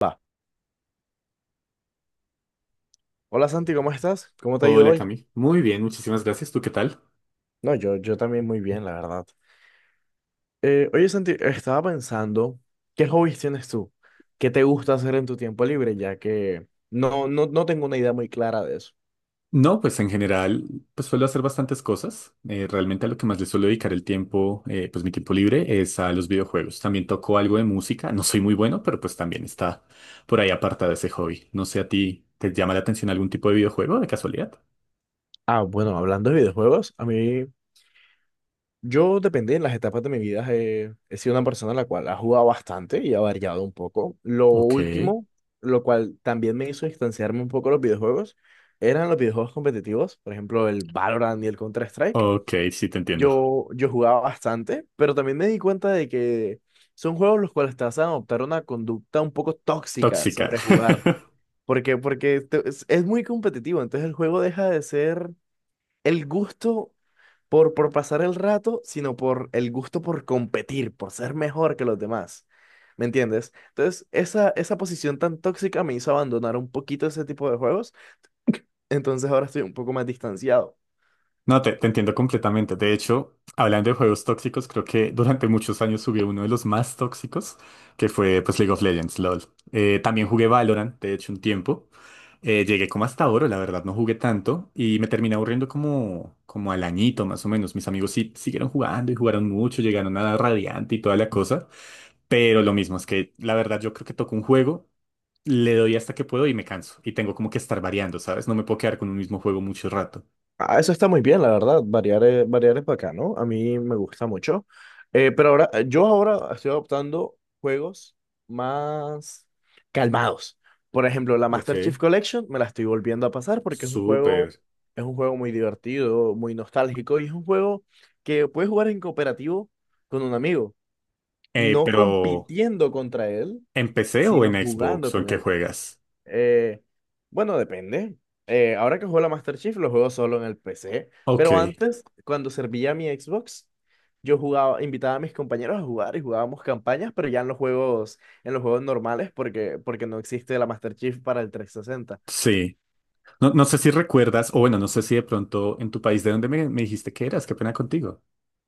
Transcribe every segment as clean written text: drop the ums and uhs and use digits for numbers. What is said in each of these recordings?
Va. Hola Santi, ¿cómo estás? ¿Cómo te ha ido Hola hoy? Cami, muy bien, muchísimas gracias. ¿Tú qué tal? No, yo también muy bien, la verdad. Oye Santi, estaba pensando, ¿qué hobbies tienes tú? ¿Qué te gusta hacer en tu tiempo libre? Ya que no tengo una idea muy clara de eso. No, pues en general, pues suelo hacer bastantes cosas. Realmente a lo que más le suelo dedicar el tiempo, pues mi tiempo libre es a los videojuegos. También toco algo de música, no soy muy bueno, pero pues también está por ahí apartado ese hobby. No sé a ti, ¿te llama la atención algún tipo de videojuego de casualidad? Ah, bueno, hablando de videojuegos, a mí, yo depende en las etapas de mi vida, he sido una persona la cual ha jugado bastante y ha variado un poco. Lo Ok, último, lo cual también me hizo distanciarme un poco de los videojuegos, eran los videojuegos competitivos, por ejemplo, el Valorant y el Counter-Strike. ok, sí te entiendo. Yo jugaba bastante, pero también me di cuenta de que son juegos los cuales te hacen adoptar una conducta un poco tóxica Tóxica. sobre jugar. ¿Por qué? Porque es muy competitivo, entonces el juego deja de ser el gusto por pasar el rato, sino por el gusto por competir, por ser mejor que los demás. ¿Me entiendes? Entonces, esa posición tan tóxica me hizo abandonar un poquito ese tipo de juegos, entonces ahora estoy un poco más distanciado. No, te entiendo completamente. De hecho, hablando de juegos tóxicos, creo que durante muchos años jugué uno de los más tóxicos, que fue pues League of Legends, LOL. También jugué Valorant, de hecho, un tiempo. Llegué como hasta oro, la verdad, no jugué tanto y me terminé aburriendo como al añito más o menos. Mis amigos sí siguieron jugando y jugaron mucho, llegaron a Radiante y toda la cosa, pero lo mismo es que la verdad yo creo que toco un juego, le doy hasta que puedo y me canso y tengo como que estar variando, ¿sabes? No me puedo quedar con un mismo juego mucho rato. Ah, eso está muy bien, la verdad. Variar es bacano. A mí me gusta mucho. Pero ahora, yo ahora estoy adoptando juegos más calmados. Por ejemplo, la Master Chief Ok. Collection me la estoy volviendo a pasar porque Súper. es un juego muy divertido, muy nostálgico y es un juego que puedes jugar en cooperativo con un amigo, Eh, no pero, compitiendo contra él, ¿En PC o sino en jugando Xbox o en con qué él. juegas? Eh, bueno, depende. Ahora que juego la Master Chief, lo juego solo en el PC. Pero Ok, antes, cuando servía mi Xbox, yo jugaba, invitaba a mis compañeros a jugar y jugábamos campañas, pero ya en los juegos normales, porque no existe la Master Chief para el trescientos sesenta. sí. No, no sé si recuerdas, o bueno, no sé si de pronto en tu país de donde me dijiste que eras, qué pena contigo.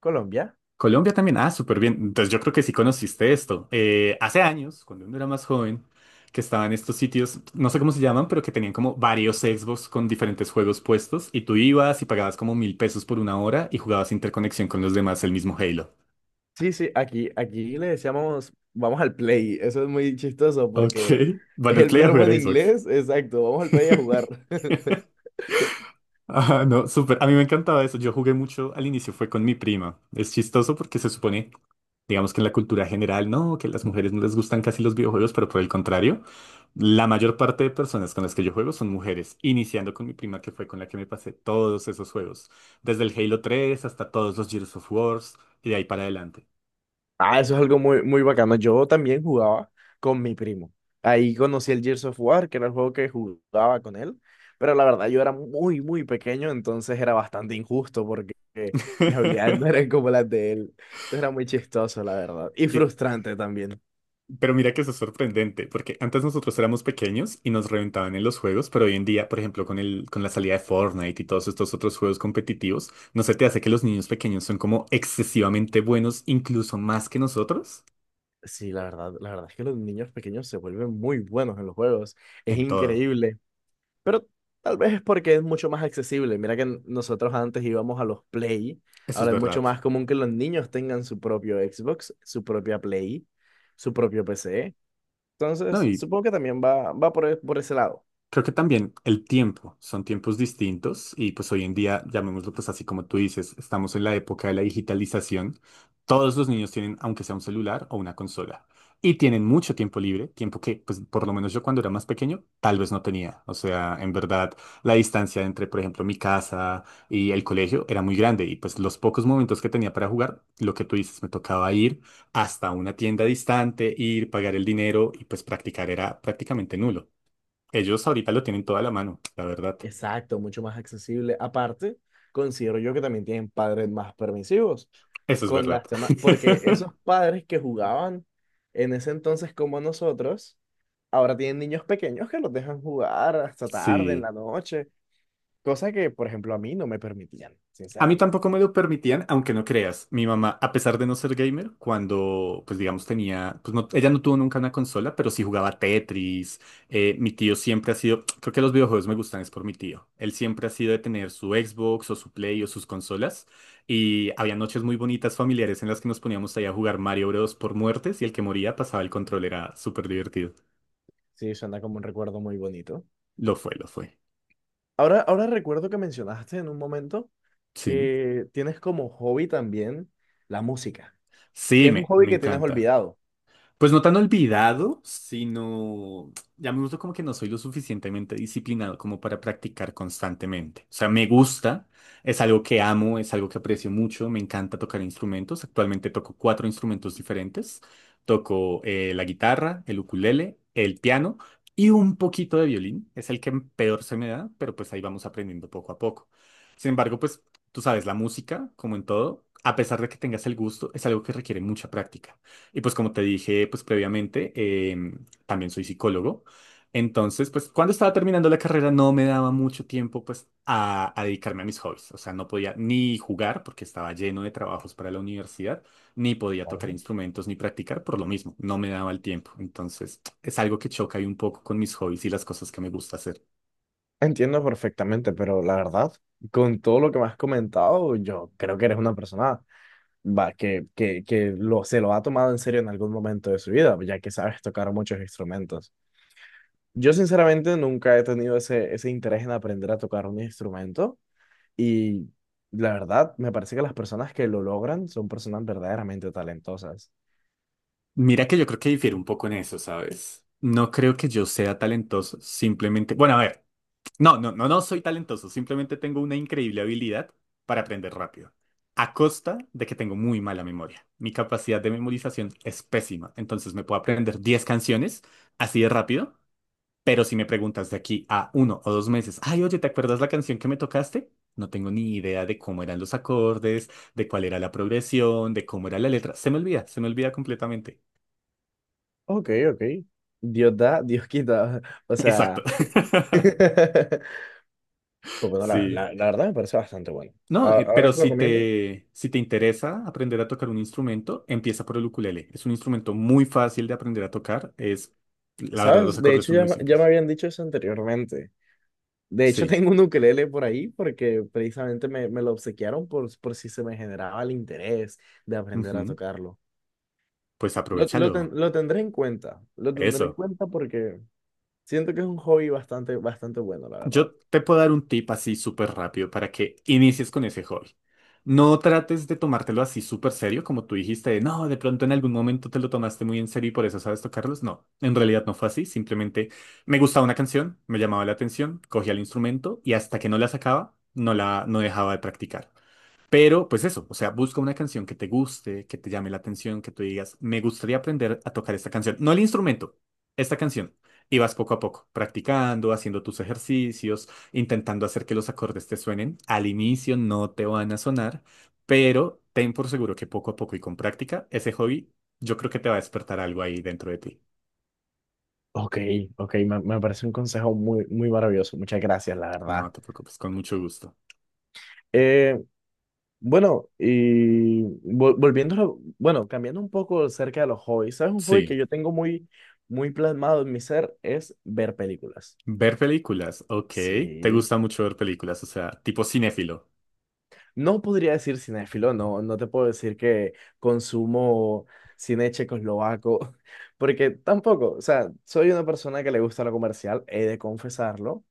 Colombia. Colombia también, ah, súper bien. Entonces yo creo que sí conociste esto. Hace años, cuando uno era más joven, que estaban estos sitios, no sé cómo se llaman, pero que tenían como varios Xbox con diferentes juegos puestos y tú ibas y pagabas como mil pesos por una hora y jugabas interconexión con los demás el mismo Halo. Sí, sí, aquí le decíamos, vamos al play. Eso es muy chistoso Ok, porque van al el play a verbo jugar en Xbox. inglés, exacto, vamos al play a jugar. Ajá, no, súper. A mí me encantaba eso. Yo jugué mucho al inicio, fue con mi prima. Es chistoso porque se supone, digamos que en la cultura general, no, que las mujeres no les gustan casi los videojuegos, pero por el contrario, la mayor parte de personas con las que yo juego son mujeres, iniciando con mi prima que fue con la que me pasé todos esos juegos, desde el Halo tres hasta todos los Gears of Wars y de ahí para adelante. Ah, eso es algo muy, muy bacano. Yo también jugaba con mi primo. Ahí conocí el Gears of War, que era el juego que jugaba con él. Pero la verdad, yo era muy, muy pequeño, entonces era bastante injusto porque mis habilidades no eran como las de él. Entonces era muy chistoso, la verdad. Y Y, frustrante también. Pero mira que eso es sorprendente, porque antes nosotros éramos pequeños y nos reventaban en los juegos, pero hoy en día, por ejemplo, con la salida de Fortnite y todos estos otros juegos competitivos, ¿no se te hace que los niños pequeños son como excesivamente buenos, incluso más que nosotros? Sí, la verdad es que los niños pequeños se vuelven muy buenos en los juegos. Es En todo. increíble. Pero tal vez es porque es mucho más accesible. Mira que nosotros antes íbamos a los Play. Eso es Ahora es mucho verdad. más común que los niños tengan su propio Xbox, su propia Play, su propio PC. No, Entonces, y supongo que también va por por ese lado. Creo que también el tiempo, son tiempos distintos y pues hoy en día, llamémoslo pues así como tú dices, estamos en la época de la digitalización. Todos los niños tienen, aunque sea un celular o una consola, y tienen mucho tiempo libre, tiempo que pues por lo menos yo cuando era más pequeño tal vez no tenía. O sea, en verdad la distancia entre, por ejemplo, mi casa y el colegio era muy grande y pues los pocos momentos que tenía para jugar, lo que tú dices, me tocaba ir hasta una tienda distante, ir, pagar el dinero y pues practicar era prácticamente nulo. Ellos ahorita lo tienen toda la mano, la verdad. Exacto, mucho más accesible. Aparte, considero yo que también tienen padres más permisivos Eso es con verdad. las demás, porque esos padres que jugaban en ese entonces como nosotros, ahora tienen niños pequeños que los dejan jugar hasta tarde en Sí. la noche. Cosa que, por ejemplo, a mí no me permitían, A mí sinceramente. tampoco me lo permitían, aunque no creas. Mi mamá, a pesar de no ser gamer, cuando, pues digamos, tenía, pues no, ella no tuvo nunca una consola, pero sí jugaba Tetris. Mi tío siempre ha sido, creo que los videojuegos me gustan, es por mi tío. Él siempre ha sido de tener su Xbox o su Play o sus consolas. Y había noches muy bonitas familiares en las que nos poníamos ahí a jugar Mario Bros. Por muertes y el que moría pasaba el control, era súper divertido. Sí, suena como un recuerdo muy bonito. Lo fue, lo fue. Ahora, ahora recuerdo que mencionaste en un momento Sí. que tienes como hobby también la música, que Sí, es un me, hobby me que tienes encanta. olvidado. Pues no tan olvidado, sino ya me gusta como que no soy lo suficientemente disciplinado como para practicar constantemente. O sea, me gusta, es algo que amo, es algo que aprecio mucho, me encanta tocar instrumentos. Actualmente toco cuatro instrumentos diferentes. Toco la guitarra, el ukulele, el piano y un poquito de violín. Es el que peor se me da, pero pues ahí vamos aprendiendo poco a poco. Sin embargo, pues tú sabes, la música, como en todo, a pesar de que tengas el gusto, es algo que requiere mucha práctica. Y pues como te dije pues previamente, también soy psicólogo. Entonces, pues cuando estaba terminando la carrera no me daba mucho tiempo pues a dedicarme a mis hobbies. O sea, no podía ni jugar porque estaba lleno de trabajos para la universidad, ni podía tocar Claro. instrumentos ni practicar por lo mismo. No me daba el tiempo. Entonces, es algo que choca ahí un poco con mis hobbies y las cosas que me gusta hacer. Entiendo perfectamente, pero la verdad, con todo lo que me has comentado, yo creo que eres una persona va, que se lo ha tomado en serio en algún momento de su vida, ya que sabes tocar muchos instrumentos. Yo sinceramente nunca he tenido ese interés en aprender a tocar un instrumento, y la verdad, me parece que las personas que lo logran son personas verdaderamente talentosas. Mira que yo creo que difiere un poco en eso, ¿sabes? No creo que yo sea talentoso, simplemente, bueno, a ver. No, soy talentoso, simplemente tengo una increíble habilidad para aprender rápido, a costa de que tengo muy mala memoria. Mi capacidad de memorización es pésima, entonces me puedo aprender 10 canciones así de rápido, pero si me preguntas de aquí a uno o dos meses, ay, oye, ¿te acuerdas la canción que me tocaste? No tengo ni idea de cómo eran los acordes, de cuál era la progresión, de cómo era la letra. Se me olvida completamente. Ok, ok. Dios da, Dios quita. O Exacto. sea, pues bueno, Sí. La verdad me parece bastante bueno. No, Ahora, pero que lo comiendo, si te interesa aprender a tocar un instrumento, empieza por el ukulele. Es un instrumento muy fácil de aprender a tocar. Es, la verdad, los ¿sabes? De acordes hecho, son ya, muy ya me simples. habían dicho eso anteriormente. De hecho, Sí. tengo un ukelele por ahí porque precisamente me lo obsequiaron por si se me generaba el interés de aprender a Ujú. tocarlo. Pues aprovéchalo. Lo tendré en cuenta, lo tendré en Eso. cuenta porque siento que es un hobby bastante, bastante bueno, la verdad. Yo te puedo dar un tip así súper rápido para que inicies con ese hobby. No trates de tomártelo así súper serio, como tú dijiste, de, no, de pronto en algún momento te lo tomaste muy en serio y por eso sabes tocarlos. No, en realidad no fue así. Simplemente me gustaba una canción, me llamaba la atención, cogía el instrumento y hasta que no la sacaba, no dejaba de practicar. Pero, pues eso, o sea, busca una canción que te guste, que te llame la atención, que tú digas, me gustaría aprender a tocar esta canción. No el instrumento, esta canción. Y vas poco a poco, practicando, haciendo tus ejercicios, intentando hacer que los acordes te suenen. Al inicio no te van a sonar, pero ten por seguro que poco a poco y con práctica, ese hobby, yo creo que te va a despertar algo ahí dentro de ti. Ok, ok, me parece un consejo muy, muy maravilloso. Muchas gracias, la No verdad. te preocupes, con mucho gusto. Eh, bueno, y volviéndolo, bueno, cambiando un poco acerca de los hobbies, ¿sabes? Un hobby que Sí, yo tengo muy, muy plasmado en mi ser es ver películas. ver películas, ok. Te Sí. gusta mucho ver películas, o sea, tipo cinéfilo, No podría decir cinéfilo, no te puedo decir que consumo cine checoslovaco, porque tampoco, o sea, soy una persona que le gusta lo comercial, he de confesarlo.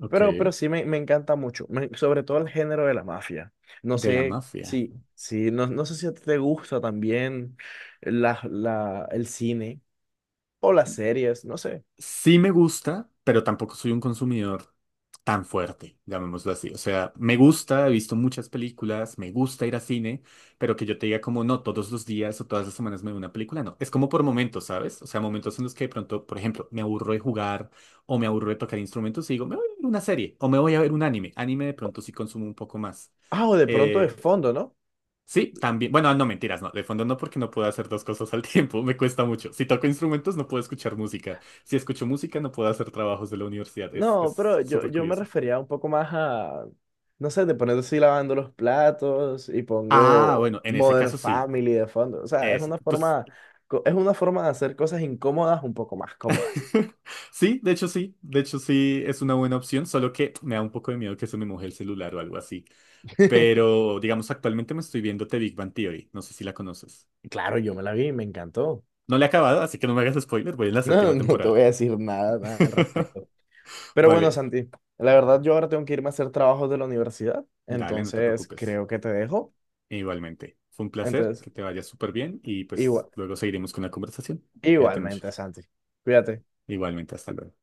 ok. Pero sí me encanta mucho, sobre todo el género de la mafia. No De la sé mafia. si, si no sé si a ti te gusta también el cine o las series, no sé. Sí me gusta, pero tampoco soy un consumidor tan fuerte, llamémoslo así. O sea, me gusta, he visto muchas películas, me gusta ir a cine, pero que yo te diga como no, todos los días o todas las semanas me veo una película, no. Es como por momentos, ¿sabes? O sea, momentos en los que de pronto, por ejemplo, me aburro de jugar o me aburro de tocar instrumentos y digo, me voy a ver una serie o me voy a ver un anime. Anime de pronto sí consumo un poco más. Ah, o de pronto de Eh, fondo, ¿no? Sí, también. Bueno, no mentiras, no. De fondo no, porque no puedo hacer dos cosas al tiempo. Me cuesta mucho. Si toco instrumentos, no puedo escuchar música. Si escucho música, no puedo hacer trabajos de la universidad. No, Es pero yo, súper yo me curioso. refería un poco más a, no sé, de poner así lavando los platos y Ah, pongo bueno, en ese Modern caso sí. Family de fondo. O sea, es Es, una pues. forma, es una forma de hacer cosas incómodas un poco más cómodas. Sí, de hecho sí. De hecho sí es una buena opción, solo que me da un poco de miedo que se me moje el celular o algo así. Pero, digamos, actualmente me estoy viendo The Big Bang Theory. No sé si la conoces. Claro, yo me la vi y me encantó. No la he acabado, así que no me hagas spoiler. Voy en la No, séptima no te temporada. voy a decir nada, nada al respecto. Pero bueno, Vale, Santi, la verdad yo ahora tengo que irme a hacer trabajos de la universidad, dale, no te entonces preocupes. creo que te dejo. Igualmente, fue un placer, Entonces, que te vaya súper bien y pues igual, luego seguiremos con la conversación. Cuídate mucho. igualmente, Santi, cuídate. Igualmente, hasta luego.